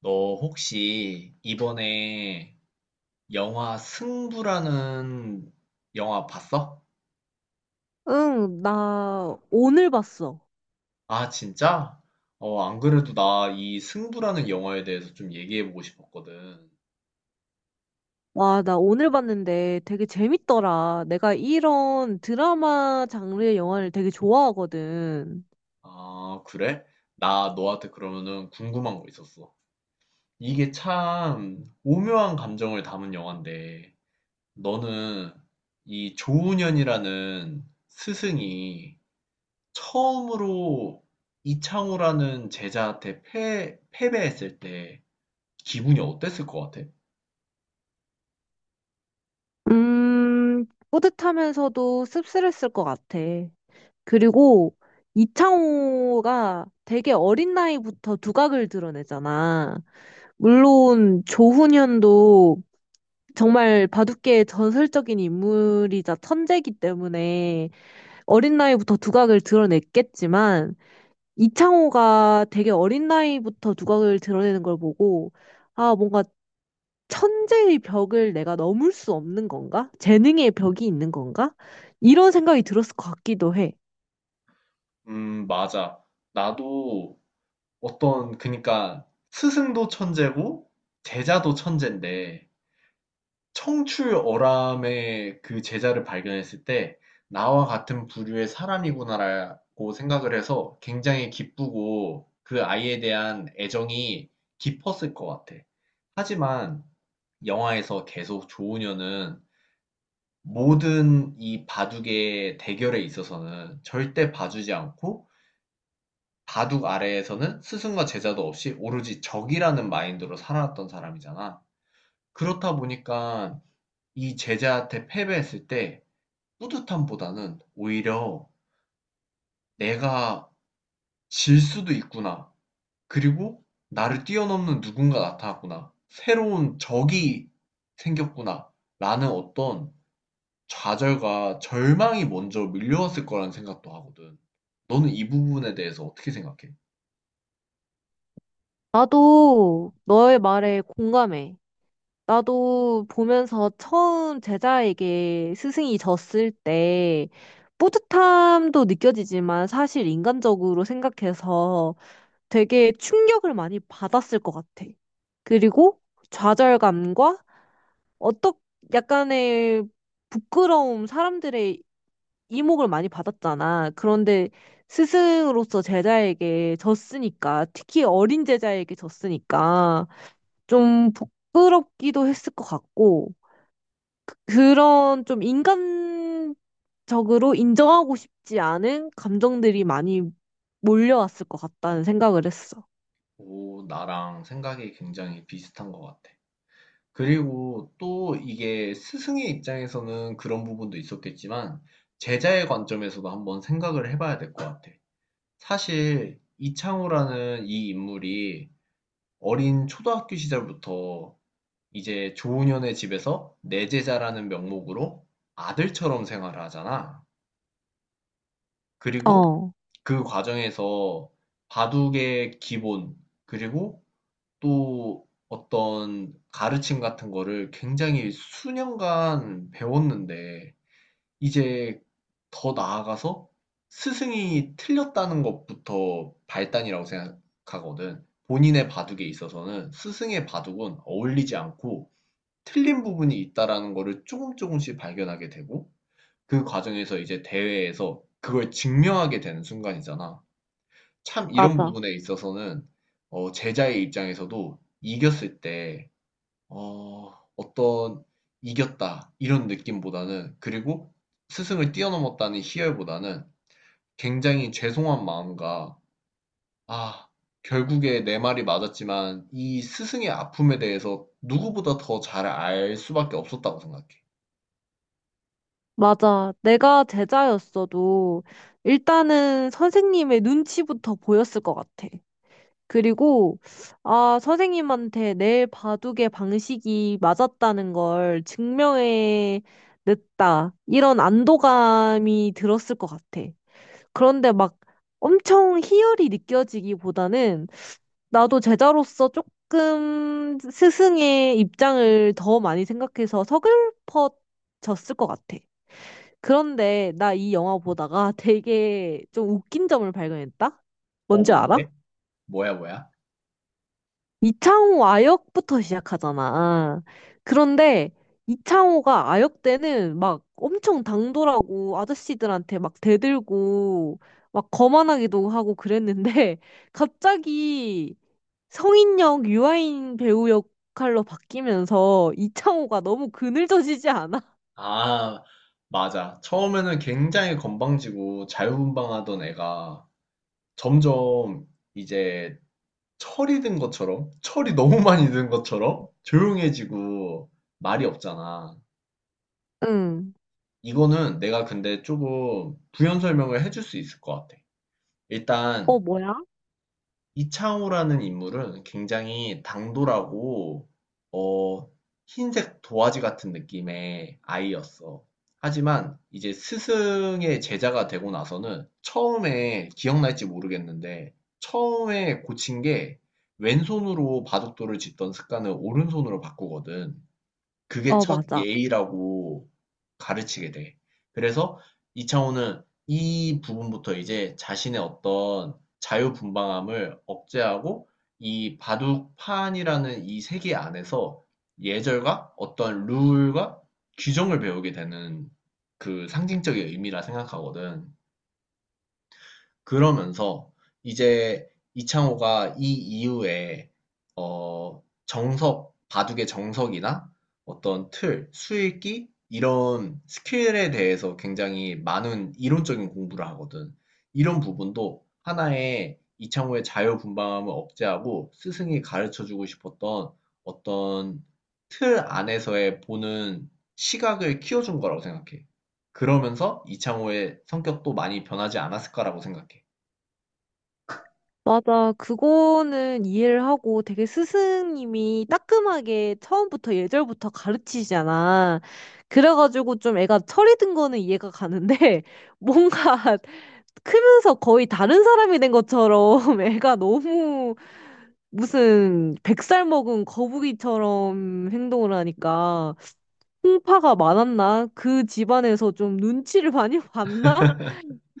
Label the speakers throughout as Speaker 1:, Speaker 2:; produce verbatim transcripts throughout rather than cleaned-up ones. Speaker 1: 너 혹시 이번에 영화 승부라는 영화 봤어?
Speaker 2: 응, 나 오늘 봤어.
Speaker 1: 아, 진짜? 어, 안 그래도 나 이 승부라는 영화에 대해서 좀 얘기해보고 싶었거든.
Speaker 2: 와, 나 오늘 봤는데 되게 재밌더라. 내가 이런 드라마 장르의 영화를 되게 좋아하거든.
Speaker 1: 아, 그래? 나 너한테 그러면은 궁금한 거 있었어. 이게 참 오묘한 감정을 담은 영화인데, 너는 이 조훈현이라는 스승이 처음으로 이창호라는 제자한테 패, 패배했을 때 기분이 어땠을 것 같아?
Speaker 2: 음, 뿌듯하면서도 씁쓸했을 것 같아. 그리고 이창호가 되게 어린 나이부터 두각을 드러내잖아. 물론 조훈현도 정말 바둑계의 전설적인 인물이자 천재이기 때문에 어린 나이부터 두각을 드러냈겠지만 이창호가 되게 어린 나이부터 두각을 드러내는 걸 보고, 아, 뭔가 천재의 벽을 내가 넘을 수 없는 건가? 재능의 벽이 있는 건가? 이런 생각이 들었을 것 같기도 해.
Speaker 1: 음, 맞아. 나도 어떤, 그니까 스승도 천재고 제자도 천재인데 청출어람의 그 제자를 발견했을 때 나와 같은 부류의 사람이구나라고 생각을 해서 굉장히 기쁘고 그 아이에 대한 애정이 깊었을 것 같아. 하지만 영화에서 계속 조우녀는 모든 이 바둑의 대결에 있어서는 절대 봐주지 않고 바둑 아래에서는 스승과 제자도 없이 오로지 적이라는 마인드로 살아왔던 사람이잖아. 그렇다 보니까 이 제자한테 패배했을 때 뿌듯함보다는 오히려 '내가 질 수도 있구나. 그리고 나를 뛰어넘는 누군가 나타났구나. 새로운 적이 생겼구나.'라는 어떤 좌절과 절망이 먼저 밀려왔을 거라는 생각도 하거든. 너는 이 부분에 대해서 어떻게 생각해?
Speaker 2: 나도 너의 말에 공감해. 나도 보면서 처음 제자에게 스승이 졌을 때 뿌듯함도 느껴지지만 사실 인간적으로 생각해서 되게 충격을 많이 받았을 것 같아. 그리고 좌절감과 어떤 약간의 부끄러움, 사람들의 이목을 많이 받았잖아. 그런데 스승으로서 제자에게 졌으니까, 특히 어린 제자에게 졌으니까 좀 부끄럽기도 했을 것 같고, 그런 좀 인간적으로 인정하고 싶지 않은 감정들이 많이 몰려왔을 것 같다는 생각을 했어.
Speaker 1: 오, 나랑 생각이 굉장히 비슷한 것 같아. 그리고 또 이게 스승의 입장에서는 그런 부분도 있었겠지만 제자의 관점에서도 한번 생각을 해봐야 될 것 같아. 사실 이창호라는 이 인물이 어린 초등학교 시절부터 이제 조은현의 집에서 내 제자라는 명목으로 아들처럼 생활을 하잖아. 그리고
Speaker 2: 어,
Speaker 1: 그 과정에서 바둑의 기본, 그리고 또 어떤 가르침 같은 거를 굉장히 수년간 배웠는데 이제 더 나아가서 스승이 틀렸다는 것부터 발단이라고 생각하거든. 본인의 바둑에 있어서는 스승의 바둑은 어울리지 않고 틀린 부분이 있다라는 거를 조금 조금씩 발견하게 되고 그 과정에서 이제 대회에서 그걸 증명하게 되는 순간이잖아. 참 이런
Speaker 2: 맞아.
Speaker 1: 부분에 있어서는 어, 제자의 입장에서도 이겼을 때 어, 어떤 이겼다 이런 느낌보다는 그리고 스승을 뛰어넘었다는 희열보다는 굉장히 죄송한 마음과 아, 결국에 내 말이 맞았지만 이 스승의 아픔에 대해서 누구보다 더 잘 알 수밖에 없었다고 생각해.
Speaker 2: 맞아. 내가 제자였어도 일단은 선생님의 눈치부터 보였을 것 같아. 그리고, 아, 선생님한테 내 바둑의 방식이 맞았다는 걸 증명해 냈다. 이런 안도감이 들었을 것 같아. 그런데 막 엄청 희열이 느껴지기보다는 나도 제자로서 조금 스승의 입장을 더 많이 생각해서 서글퍼 졌을 것 같아. 그런데 나 이 영화 보다가 되게 좀 웃긴 점을 발견했다?
Speaker 1: 어,
Speaker 2: 뭔지 알아?
Speaker 1: 뭔데? 뭐야, 뭐야?
Speaker 2: 이창호 아역부터 시작하잖아. 그런데 이창호가 아역 때는 막 엄청 당돌하고 아저씨들한테 막 대들고 막 거만하기도 하고 그랬는데 갑자기 성인역 유아인 배우 역할로 바뀌면서 이창호가 너무 그늘져지지 않아?
Speaker 1: 아, 맞아. 처음에는 굉장히 건방지고 자유분방하던 애가 점점 이제 철이 든 것처럼, 철이 너무 많이 든 것처럼 조용해지고 말이 없잖아.
Speaker 2: 응.
Speaker 1: 이거는 내가 근데 조금 부연 설명을 해줄 수 있을 것 같아. 일단
Speaker 2: 어, 뭐야?
Speaker 1: 이창호라는 인물은 굉장히 당돌하고 어 흰색 도화지 같은 느낌의 아이였어. 하지만 이제 스승의 제자가 되고 나서는 처음에 기억날지 모르겠는데 처음에 고친 게 왼손으로 바둑돌을 짓던 습관을 오른손으로 바꾸거든. 그게
Speaker 2: 어,
Speaker 1: 첫
Speaker 2: 맞아.
Speaker 1: 예의라고 가르치게 돼. 그래서 이창호는 이 부분부터 이제 자신의 어떤 자유분방함을 억제하고 이 바둑판이라는 이 세계 안에서 예절과 어떤 룰과 규정을 배우게 되는 그 상징적인 의미라 생각하거든. 그러면서 이제 이창호가 이 이후에 어, 정석, 바둑의 정석이나 어떤 틀, 수읽기 이런 스킬에 대해서 굉장히 많은 이론적인 공부를 하거든. 이런 부분도 하나의 이창호의 자유분방함을 억제하고 스승이 가르쳐주고 싶었던 어떤 틀 안에서의 보는 시각을 키워준 거라고 생각해. 그러면서 이창호의 성격도 많이 변하지 않았을까라고 생각해.
Speaker 2: 맞아. 그거는 이해를 하고 되게 스승님이 따끔하게 처음부터 예절부터 가르치시잖아. 그래가지고 좀 애가 철이 든 거는 이해가 가는데 뭔가 크면서 거의 다른 사람이 된 것처럼 애가 너무 무슨 백 살 먹은 거북이처럼 행동을 하니까 풍파가 많았나? 그 집안에서 좀 눈치를 많이 봤나?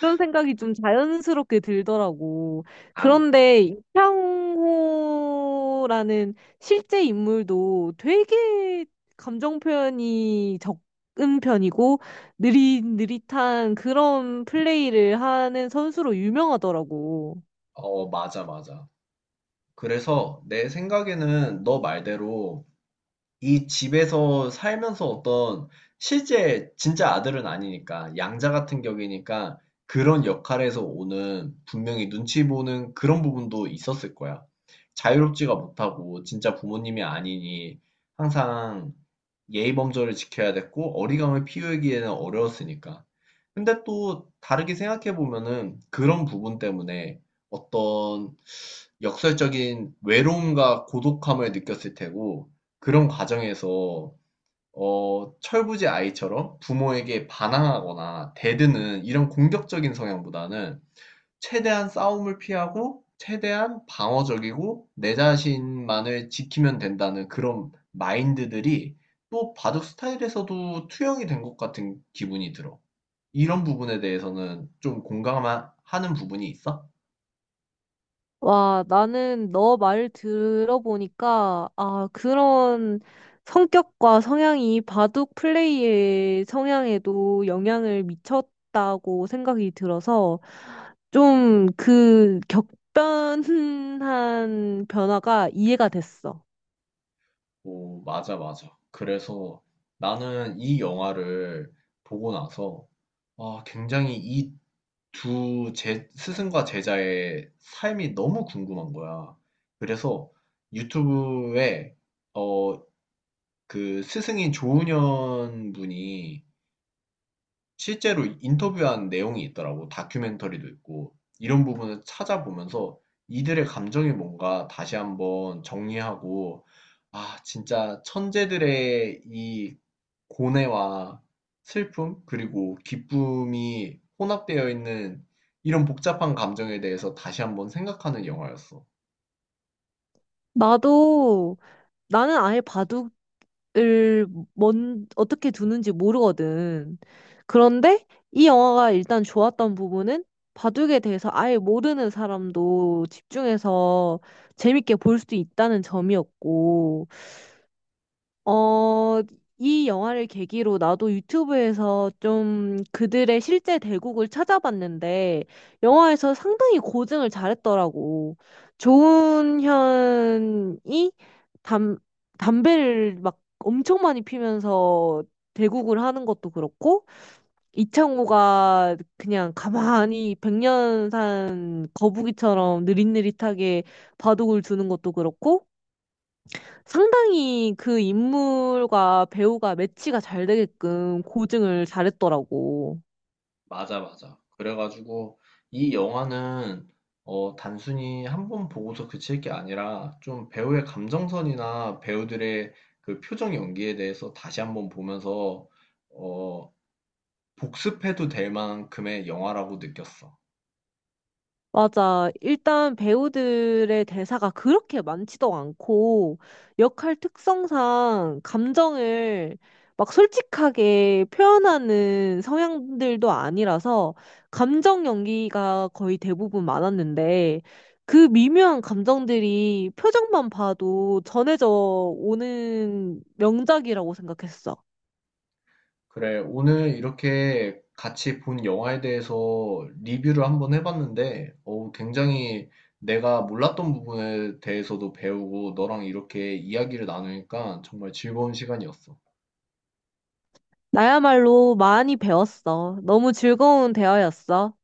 Speaker 2: 이런 생각이 좀 자연스럽게 들더라고.
Speaker 1: 안,
Speaker 2: 그런데 이창호라는 실제 인물도 되게 감정 표현이 적은 편이고 느릿느릿한 그런 플레이를 하는 선수로 유명하더라고.
Speaker 1: 어, 맞아, 맞아. 그래서 내 생각에는 너 말대로 이 집에서 살면서 어떤 실제 진짜 아들은 아니니까 양자 같은 격이니까 그런 역할에서 오는 분명히 눈치 보는 그런 부분도 있었을 거야. 자유롭지가 못하고 진짜 부모님이 아니니 항상 예의 범절을 지켜야 됐고 어리광을 피우기에는 어려웠으니까. 근데 또 다르게 생각해 보면은 그런 부분 때문에 어떤 역설적인 외로움과 고독함을 느꼈을 테고 그런 과정에서 어, 철부지 아이처럼 부모에게 반항하거나 대드는 이런 공격적인 성향보다는 최대한 싸움을 피하고 최대한 방어적이고 내 자신만을 지키면 된다는 그런 마인드들이 또 바둑 스타일에서도 투영이 된 것 같은 기분이 들어. 이런 부분에 대해서는 좀 공감하는 부분이 있어?
Speaker 2: 와, 나는 너 말 들어보니까, 아, 그런 성격과 성향이 바둑 플레이의 성향에도 영향을 미쳤다고 생각이 들어서, 좀 그 격변한 변화가 이해가 됐어.
Speaker 1: 오, 맞아, 맞아. 그래서 나는 이 영화를 보고 나서 아, 굉장히 이 두 제, 스승과 제자의 삶이 너무 궁금한 거야. 그래서 유튜브에 어, 그 스승인 조은현 분이 실제로 인터뷰한 내용이 있더라고. 다큐멘터리도 있고. 이런 부분을 찾아보면서 이들의 감정이 뭔가 다시 한번 정리하고, 아, 진짜 천재들의 이 고뇌와 슬픔, 그리고 기쁨이 혼합되어 있는 이런 복잡한 감정에 대해서 다시 한번 생각하는 영화였어.
Speaker 2: 나도, 나는 아예 바둑 을 뭔, 어떻게 두는지 모르거든. 그런데 이 영화가 일단 좋았던 부분은 바둑에 대해서 아예 모르는 사람도 집중해서 재밌게 볼 수 있다는 점이었고, 어, 이 영화를 계기로 나도 유튜브에서 좀 그들의 실제 대국을 찾아봤는데, 영화에서 상당히 고증을 잘했더라고. 조은현이 담, 담배를 막 엄청 많이 피면서 대국을 하는 것도 그렇고, 이창호가 그냥 가만히 백 년 산 거북이처럼 느릿느릿하게 바둑을 두는 것도 그렇고, 상당히 그 인물과 배우가 매치가 잘 되게끔 고증을 잘했더라고.
Speaker 1: 맞아, 맞아. 그래가지고 이 영화는 어, 단순히 한번 보고서 그칠 게 아니라 좀 배우의 감정선이나 배우들의 그 표정 연기에 대해서 다시 한번 보면서 어, 복습해도 될 만큼의 영화라고 느꼈어.
Speaker 2: 맞아. 일단 배우들의 대사가 그렇게 많지도 않고 역할 특성상 감정을 막 솔직하게 표현하는 성향들도 아니라서 감정 연기가 거의 대부분 많았는데 그 미묘한 감정들이 표정만 봐도 전해져 오는 명작이라고 생각했어.
Speaker 1: 그래, 오늘 이렇게 같이 본 영화에 대해서 리뷰를 한번 해봤는데 어, 굉장히 내가 몰랐던 부분에 대해서도 배우고 너랑 이렇게 이야기를 나누니까 정말 즐거운 시간이었어.
Speaker 2: 나야말로 많이 배웠어. 너무 즐거운 대화였어.